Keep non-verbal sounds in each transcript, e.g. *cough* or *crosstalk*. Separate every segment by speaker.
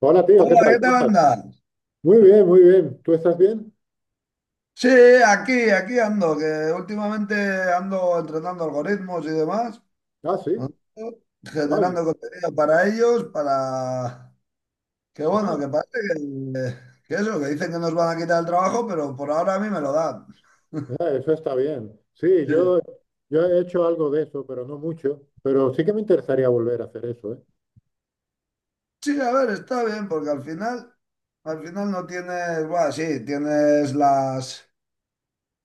Speaker 1: Hola tío, ¿qué
Speaker 2: Hola,
Speaker 1: tal?
Speaker 2: ¿qué
Speaker 1: ¿Cómo
Speaker 2: tal
Speaker 1: estás?
Speaker 2: andas?
Speaker 1: Muy bien, muy bien. ¿Tú estás bien?
Speaker 2: Sí, aquí ando, que últimamente ando entrenando algoritmos y demás,
Speaker 1: Ah, sí.
Speaker 2: ¿no?
Speaker 1: Vaya.
Speaker 2: Generando contenido para ellos, para... Que bueno,
Speaker 1: Ah,
Speaker 2: que parece que eso, que dicen que nos van a quitar el trabajo, pero por ahora a mí me lo dan.
Speaker 1: eso está bien. Sí,
Speaker 2: Sí.
Speaker 1: yo he hecho algo de eso, pero no mucho. Pero sí que me interesaría volver a hacer eso, ¿eh?
Speaker 2: Sí, a ver, está bien, porque al final no tienes, bueno, sí, tienes las...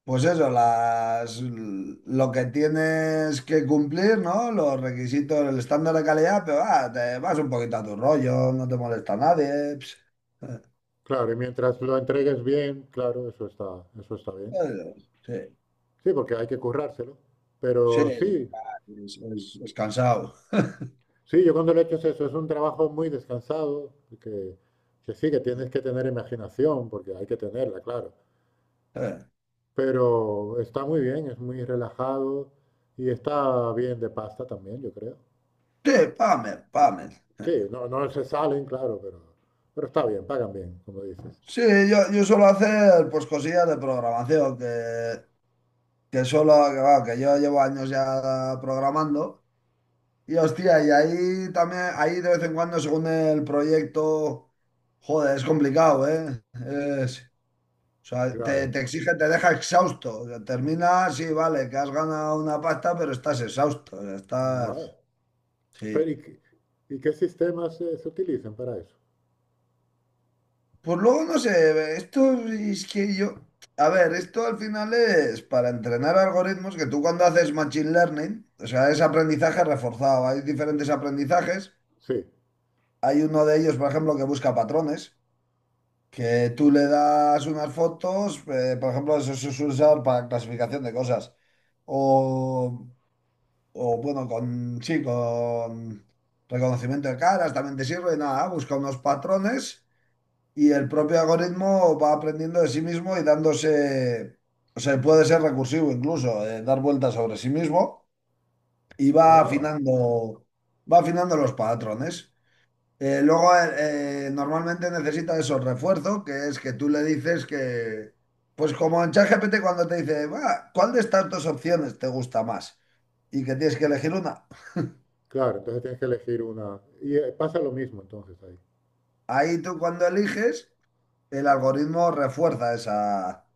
Speaker 2: Pues eso, las, lo que tienes que cumplir, ¿no? Los requisitos, el estándar de calidad, pero te vas un poquito a tu rollo, no te molesta a nadie. Ps. Eh,
Speaker 1: Claro, y mientras lo entregues bien, claro, eso está bien.
Speaker 2: eh, Sí,
Speaker 1: Sí, porque hay que currárselo.
Speaker 2: sí,
Speaker 1: Pero
Speaker 2: sí,
Speaker 1: sí,
Speaker 2: es cansado.
Speaker 1: sí, yo cuando lo he hecho es eso, es un trabajo muy descansado, que, que sí, que
Speaker 2: Eh,
Speaker 1: tienes que tener imaginación, porque hay que tenerla, claro.
Speaker 2: eh,
Speaker 1: Pero está muy bien, es muy relajado y está bien de pasta también, yo creo.
Speaker 2: Sí, pame, pame.
Speaker 1: Sí, no, no se salen, claro, pero está bien, pagan bien, como dices.
Speaker 2: Sí, yo suelo hacer pues cosillas de programación, que solo, que, va, que yo llevo años ya programando. Y hostia, y ahí también, ahí de vez en cuando, según el proyecto, joder, es complicado, ¿eh? O sea, te,
Speaker 1: Claro.
Speaker 2: te exige, te deja exhausto. O sea, termina, sí, vale, que has ganado una pasta, pero estás exhausto. O sea,
Speaker 1: Ma-
Speaker 2: estás.
Speaker 1: Pero
Speaker 2: Sí.
Speaker 1: y qué sistemas se utilizan para eso?
Speaker 2: Pues luego, no sé, esto es que yo. A ver, esto al final es para entrenar algoritmos que tú cuando haces machine learning, o sea, es aprendizaje reforzado. Hay diferentes aprendizajes.
Speaker 1: Sí.
Speaker 2: Hay uno de ellos, por ejemplo, que busca patrones. Que tú le das unas fotos, por ejemplo, eso se suele usar para clasificación de cosas. O, bueno, con, sí, con reconocimiento de caras también te sirve. Nada, busca unos patrones y el propio algoritmo va aprendiendo de sí mismo y dándose, o sea, puede ser recursivo incluso, dar vueltas sobre sí mismo y va
Speaker 1: Ah,
Speaker 2: afinando, va afinando los patrones. Luego, normalmente necesita esos refuerzos, que es que tú le dices que, pues como en ChatGPT cuando te dice, "Va, ¿cuál de estas dos opciones te gusta más? Y que tienes que elegir una.
Speaker 1: claro, entonces tienes que elegir una. Y pasa lo mismo entonces ahí.
Speaker 2: Ahí tú cuando eliges, el algoritmo refuerza esa,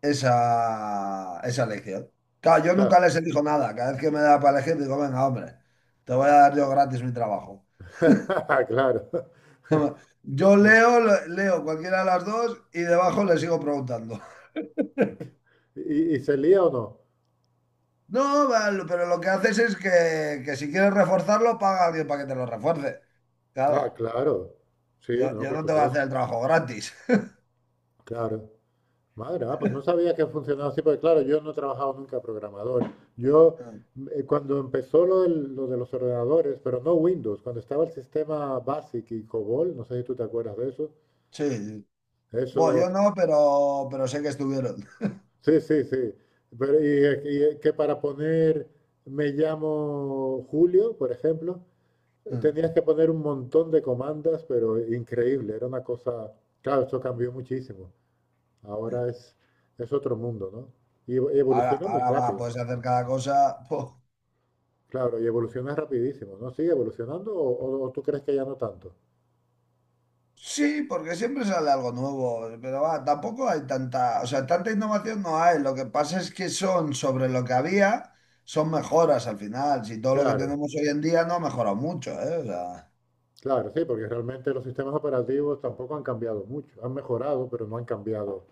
Speaker 2: esa, esa elección. Claro, yo
Speaker 1: Claro,
Speaker 2: nunca les elijo nada. Cada vez que me da para elegir, digo, venga, hombre, te voy a dar yo gratis mi trabajo.
Speaker 1: *laughs* claro.
Speaker 2: *laughs* Yo leo, leo cualquiera de las dos y debajo le sigo preguntando.
Speaker 1: ¿Y se lía o no?
Speaker 2: No, vale, pero lo que haces es que si quieres reforzarlo, paga a alguien para que te lo refuerce.
Speaker 1: Ah,
Speaker 2: Claro,
Speaker 1: claro. Sí,
Speaker 2: yo,
Speaker 1: no,
Speaker 2: yo
Speaker 1: por
Speaker 2: no te voy a hacer
Speaker 1: supuesto.
Speaker 2: el trabajo gratis.
Speaker 1: Claro. Madre, ah, pues no sabía que funcionaba así, porque claro, yo no he trabajado nunca programador. Yo,
Speaker 2: *laughs*
Speaker 1: cuando empezó lo de los ordenadores, pero no Windows, cuando estaba el sistema BASIC y COBOL, no sé si tú te acuerdas de eso,
Speaker 2: Sí, sí. Bueno,
Speaker 1: eso,
Speaker 2: yo no, pero sé que estuvieron. *laughs*
Speaker 1: sí, sí, sí, pero y, que para poner me llamo Julio, por ejemplo,
Speaker 2: Mm.
Speaker 1: tenías que poner un montón de comandas, pero increíble, era una cosa, claro, esto cambió muchísimo.
Speaker 2: Sí.
Speaker 1: Ahora es otro mundo, ¿no? Y
Speaker 2: Ahora,
Speaker 1: evoluciona muy
Speaker 2: ahora va,
Speaker 1: rápido.
Speaker 2: puedes hacer cada cosa. *laughs* po.
Speaker 1: Claro, y evoluciona rapidísimo, ¿no? ¿Sigue evolucionando o, tú crees que ya no tanto?
Speaker 2: Sí, porque siempre sale algo nuevo, pero va, tampoco hay tanta, o sea, tanta innovación no hay. Lo que pasa es que son sobre lo que había, son mejoras al final. Si todo lo que
Speaker 1: Claro,
Speaker 2: tenemos hoy en día no ha mejorado mucho, ¿eh? O sea.
Speaker 1: claro, sí, porque realmente los sistemas operativos tampoco han cambiado mucho. Han mejorado, pero no han cambiado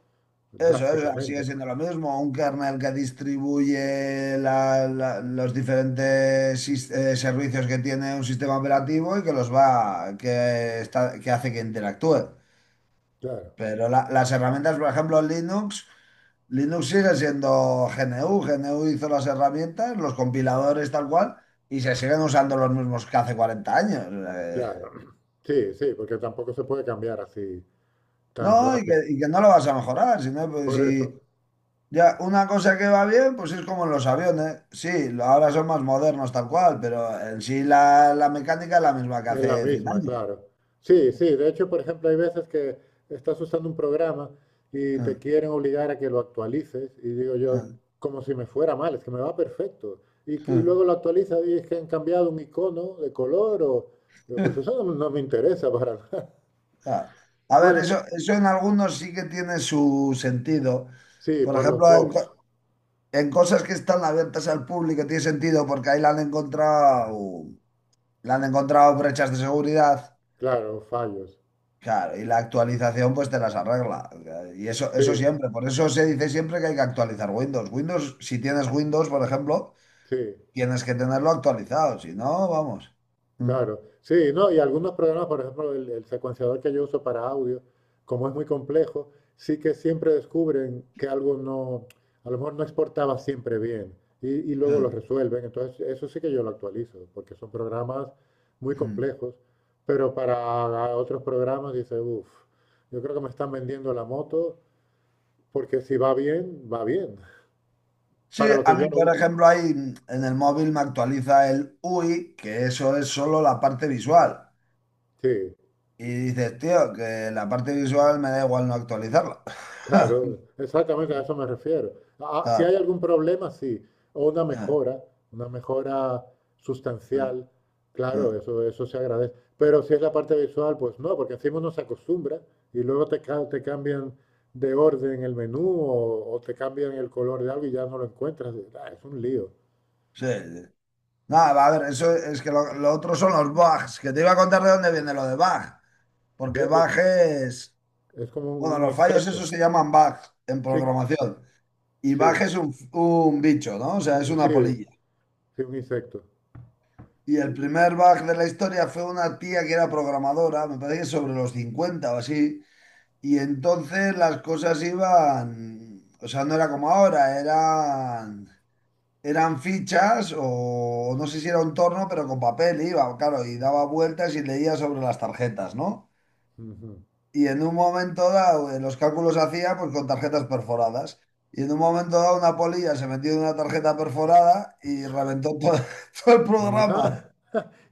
Speaker 2: Eso, sigue
Speaker 1: drásticamente.
Speaker 2: siendo lo mismo. Un kernel que distribuye los diferentes servicios que tiene un sistema operativo y que los va, que está, que hace que interactúe.
Speaker 1: Claro,
Speaker 2: Pero las herramientas, por ejemplo, Linux, Linux sigue siendo GNU. GNU hizo las herramientas, los compiladores tal cual, y se siguen usando los mismos que hace 40 años.
Speaker 1: claro. *clears throat* Sí, sí, porque tampoco se puede cambiar así tan
Speaker 2: No, y que,
Speaker 1: rápido.
Speaker 2: y que no lo vas a mejorar, sino pues,
Speaker 1: Por eso.
Speaker 2: si. Ya, una cosa que va bien, pues es como en los aviones. Sí, ahora son más modernos tal cual, pero en sí la mecánica es la misma que
Speaker 1: Es la
Speaker 2: hace cien
Speaker 1: misma,
Speaker 2: años.
Speaker 1: claro. Sí, sí, de hecho, por ejemplo, hay veces que estás usando un programa y te quieren obligar a que lo actualices y digo yo, como si me fuera mal, es que me va perfecto. Y, y luego lo
Speaker 2: *laughs*
Speaker 1: actualiza y es que han cambiado un icono de color o... Digo, pues eso no, no me interesa para nada. *laughs*
Speaker 2: Ah, A ver,
Speaker 1: Bueno,
Speaker 2: eso en algunos sí que tiene su sentido.
Speaker 1: sí,
Speaker 2: Por
Speaker 1: por los
Speaker 2: ejemplo,
Speaker 1: bugs,
Speaker 2: en cosas que están abiertas al público tiene sentido porque ahí la han encontrado brechas de seguridad.
Speaker 1: claro, fallos.
Speaker 2: Claro, y la actualización pues te las arregla. Y eso,
Speaker 1: Sí,
Speaker 2: eso siempre, por eso se dice siempre que hay que actualizar Windows. Windows, si tienes Windows, por ejemplo,
Speaker 1: sí.
Speaker 2: tienes que tenerlo actualizado, si no, vamos. Mm,
Speaker 1: Claro, sí, no, y algunos programas, por ejemplo, el secuenciador que yo uso para audio, como es muy complejo, sí que siempre descubren que algo no, a lo mejor no exportaba siempre bien y luego lo
Speaker 2: mm,
Speaker 1: resuelven. Entonces, eso sí que yo lo actualizo, porque son programas muy
Speaker 2: mm.
Speaker 1: complejos, pero para otros programas dice, uff, yo creo que me están vendiendo la moto porque si va bien, va bien,
Speaker 2: Sí,
Speaker 1: para lo
Speaker 2: a
Speaker 1: que yo
Speaker 2: mí,
Speaker 1: lo
Speaker 2: por
Speaker 1: uso.
Speaker 2: ejemplo, ahí en el móvil me actualiza el UI, que eso es solo la parte visual.
Speaker 1: Sí,
Speaker 2: Y dices, tío, que la parte visual me da igual no actualizarla.
Speaker 1: claro,
Speaker 2: *laughs*
Speaker 1: exactamente a eso me refiero. Ah, ah, si
Speaker 2: Claro.
Speaker 1: hay algún problema, sí, o
Speaker 2: Mm,
Speaker 1: una mejora
Speaker 2: mm,
Speaker 1: sustancial, claro,
Speaker 2: mm.
Speaker 1: eso se agradece. Pero si es la parte visual, pues no, porque encima uno se acostumbra y luego te cambian de orden el menú o, te cambian el color de algo y ya no lo encuentras. Ah, es un lío.
Speaker 2: Sí, sí. Nada, a ver, eso es que lo otro son los bugs, que te iba a contar de dónde viene lo de bug, porque
Speaker 1: De- de-
Speaker 2: bug es,
Speaker 1: es como
Speaker 2: bueno,
Speaker 1: un,
Speaker 2: los fallos
Speaker 1: insecto.
Speaker 2: esos se llaman bugs en
Speaker 1: Sí,
Speaker 2: programación, y bug
Speaker 1: sí,
Speaker 2: es un bicho, ¿no? O sea, es
Speaker 1: sí,
Speaker 2: una polilla.
Speaker 1: sí, un insecto.
Speaker 2: Y
Speaker 1: Y-
Speaker 2: el
Speaker 1: y-
Speaker 2: primer bug de la historia fue una tía que era programadora, me parece que sobre los 50 o así, y entonces las cosas iban, o sea, no era como ahora, eran. Eran fichas o no sé si era un torno, pero con papel iba, claro, y daba vueltas y leía sobre las tarjetas, ¿no?
Speaker 1: Ujú.
Speaker 2: Y en un momento dado, los cálculos hacía pues con tarjetas perforadas. Y en un momento dado, una polilla se metió en una tarjeta perforada y reventó todo, *laughs* todo el programa.
Speaker 1: Ah.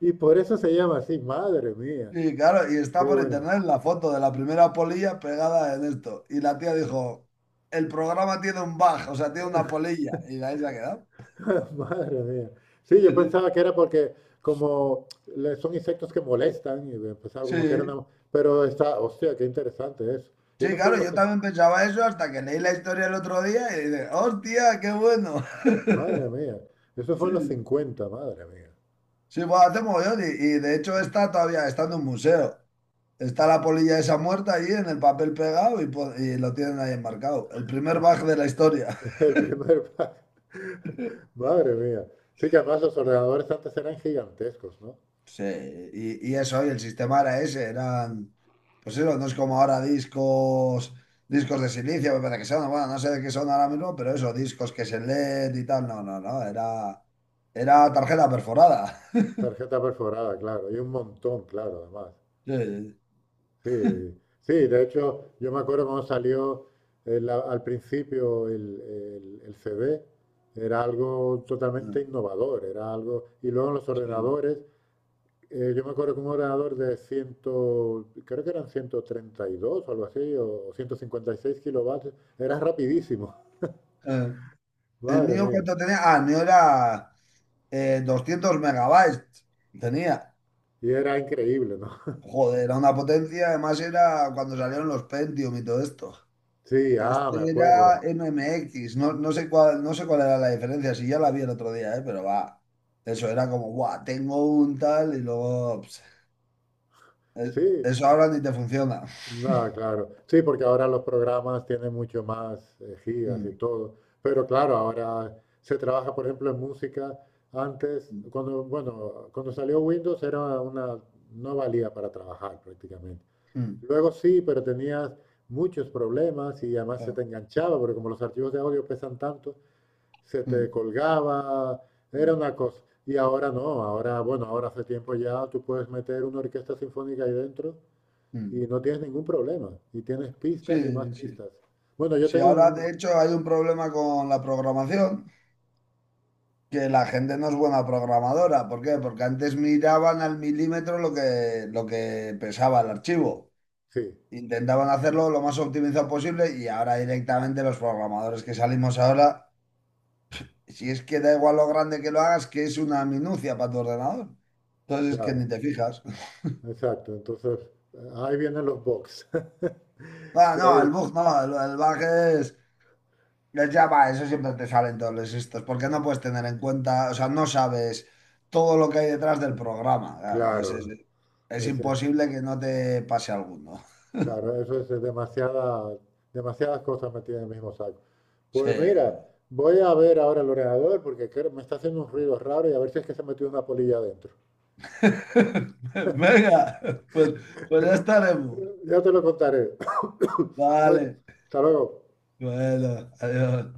Speaker 1: Y por eso se llama así, madre mía,
Speaker 2: Y claro, y está
Speaker 1: qué
Speaker 2: por
Speaker 1: bueno,
Speaker 2: internet la foto de la primera polilla pegada en esto. Y la tía dijo, el programa tiene un bug, o sea, tiene una polilla. Y ahí se ha quedado.
Speaker 1: *laughs* madre mía. Sí, yo pensaba
Speaker 2: *laughs*
Speaker 1: que era porque como son insectos que molestan y pensaba
Speaker 2: Sí,
Speaker 1: como que era
Speaker 2: sí.
Speaker 1: una... Pero está, hostia, qué interesante eso. Y
Speaker 2: Sí,
Speaker 1: eso fue en
Speaker 2: claro,
Speaker 1: los...
Speaker 2: yo también pensaba eso hasta que leí la historia el otro día y dije, ¡hostia, qué bueno!
Speaker 1: Madre
Speaker 2: *laughs*
Speaker 1: mía, eso fue en los
Speaker 2: Sí,
Speaker 1: cincuenta, madre mía.
Speaker 2: sí, bueno, hace mogollón y de hecho está todavía, está en un museo. Está la polilla esa muerta allí en el papel pegado y, y lo tienen ahí enmarcado. El primer bug de la historia.
Speaker 1: *laughs*
Speaker 2: *laughs*
Speaker 1: El primer pack, *laughs* madre mía. Sí que además los ordenadores antes eran gigantescos, ¿no?
Speaker 2: Sí, y eso, y el sistema era ese, eran, pues eso, no es como ahora discos, de silicio, me parece que son, bueno, no sé de qué son ahora mismo, pero eso, discos que se leen y tal, no, no, no, era tarjeta perforada.
Speaker 1: Tarjeta perforada, claro, y un montón, claro, además.
Speaker 2: Sí,
Speaker 1: Sí, sí, de hecho, yo me acuerdo cuando salió al principio el CD, era algo totalmente
Speaker 2: sí,
Speaker 1: innovador, era algo, y luego en los
Speaker 2: sí.
Speaker 1: ordenadores, yo me acuerdo que un ordenador de 100, creo que eran 132 o algo así, o 156 kilovatios, era rapidísimo,
Speaker 2: Eh,
Speaker 1: *laughs*
Speaker 2: el
Speaker 1: madre
Speaker 2: mío
Speaker 1: mía,
Speaker 2: cuánto tenía, el mío era 200 megabytes. Tenía,
Speaker 1: y era increíble, ¿no? *laughs*
Speaker 2: joder, era una potencia, además era cuando salieron los Pentium y todo esto.
Speaker 1: Sí, ah, me
Speaker 2: Este era
Speaker 1: acuerdo,
Speaker 2: MMX, no, no sé cuál era la diferencia, si ya la vi el otro día, pero va, eso era como, guau, tengo un tal y luego, es-
Speaker 1: sí.
Speaker 2: eso ahora ni te funciona.
Speaker 1: No,
Speaker 2: *laughs*
Speaker 1: claro. Sí, porque ahora los programas tienen mucho más gigas y
Speaker 2: Mm,
Speaker 1: todo. Pero claro, ahora se trabaja, por ejemplo, en música. Antes,
Speaker 2: mm,
Speaker 1: cuando, bueno, cuando salió Windows era una, no valía para trabajar prácticamente.
Speaker 2: mm,
Speaker 1: Luego sí, pero tenías muchos problemas y además se te
Speaker 2: claro,
Speaker 1: enganchaba, porque como los archivos de audio pesan tanto, se te
Speaker 2: mm,
Speaker 1: colgaba, era
Speaker 2: mm,
Speaker 1: una cosa. Y ahora no, ahora, bueno, ahora hace tiempo ya tú puedes meter una orquesta sinfónica ahí dentro y
Speaker 2: mm.
Speaker 1: no tienes ningún problema. Y tienes pistas y más
Speaker 2: Sí, sí.
Speaker 1: pistas. Bueno, yo
Speaker 2: Si
Speaker 1: tengo
Speaker 2: ahora
Speaker 1: un...
Speaker 2: de hecho hay un problema con la programación, que la gente no es buena programadora. ¿Por qué? Porque antes miraban al milímetro lo que pesaba el archivo.
Speaker 1: Sí,
Speaker 2: Intentaban hacerlo lo más optimizado posible y ahora directamente los programadores que salimos ahora, si es que da igual lo grande que lo hagas, que es una minucia para tu ordenador. Entonces es que ni
Speaker 1: claro,
Speaker 2: te fijas. *laughs*
Speaker 1: exacto. Entonces, ahí vienen los box.
Speaker 2: Ah,
Speaker 1: *laughs* De
Speaker 2: no,
Speaker 1: ahí,
Speaker 2: el bug no, el bug es. Los Java, eso siempre te salen todos los estos, porque no puedes tener en cuenta, o sea, no sabes todo lo que hay detrás del programa. Claro, entonces,
Speaker 1: claro,
Speaker 2: es
Speaker 1: ese,
Speaker 2: imposible que no te pase alguno.
Speaker 1: claro, eso es demasiada, demasiadas cosas metidas en el mismo saco.
Speaker 2: Sí,
Speaker 1: Pues mira,
Speaker 2: sí.
Speaker 1: voy a ver ahora el ordenador porque me está haciendo un ruido raro y a ver si es que se metió una polilla adentro.
Speaker 2: *laughs* Venga, pues, pues ya
Speaker 1: Eh,
Speaker 2: estaremos.
Speaker 1: Ya te lo contaré. *coughs* Bueno,
Speaker 2: Vale.
Speaker 1: hasta luego.
Speaker 2: Bueno, adiós.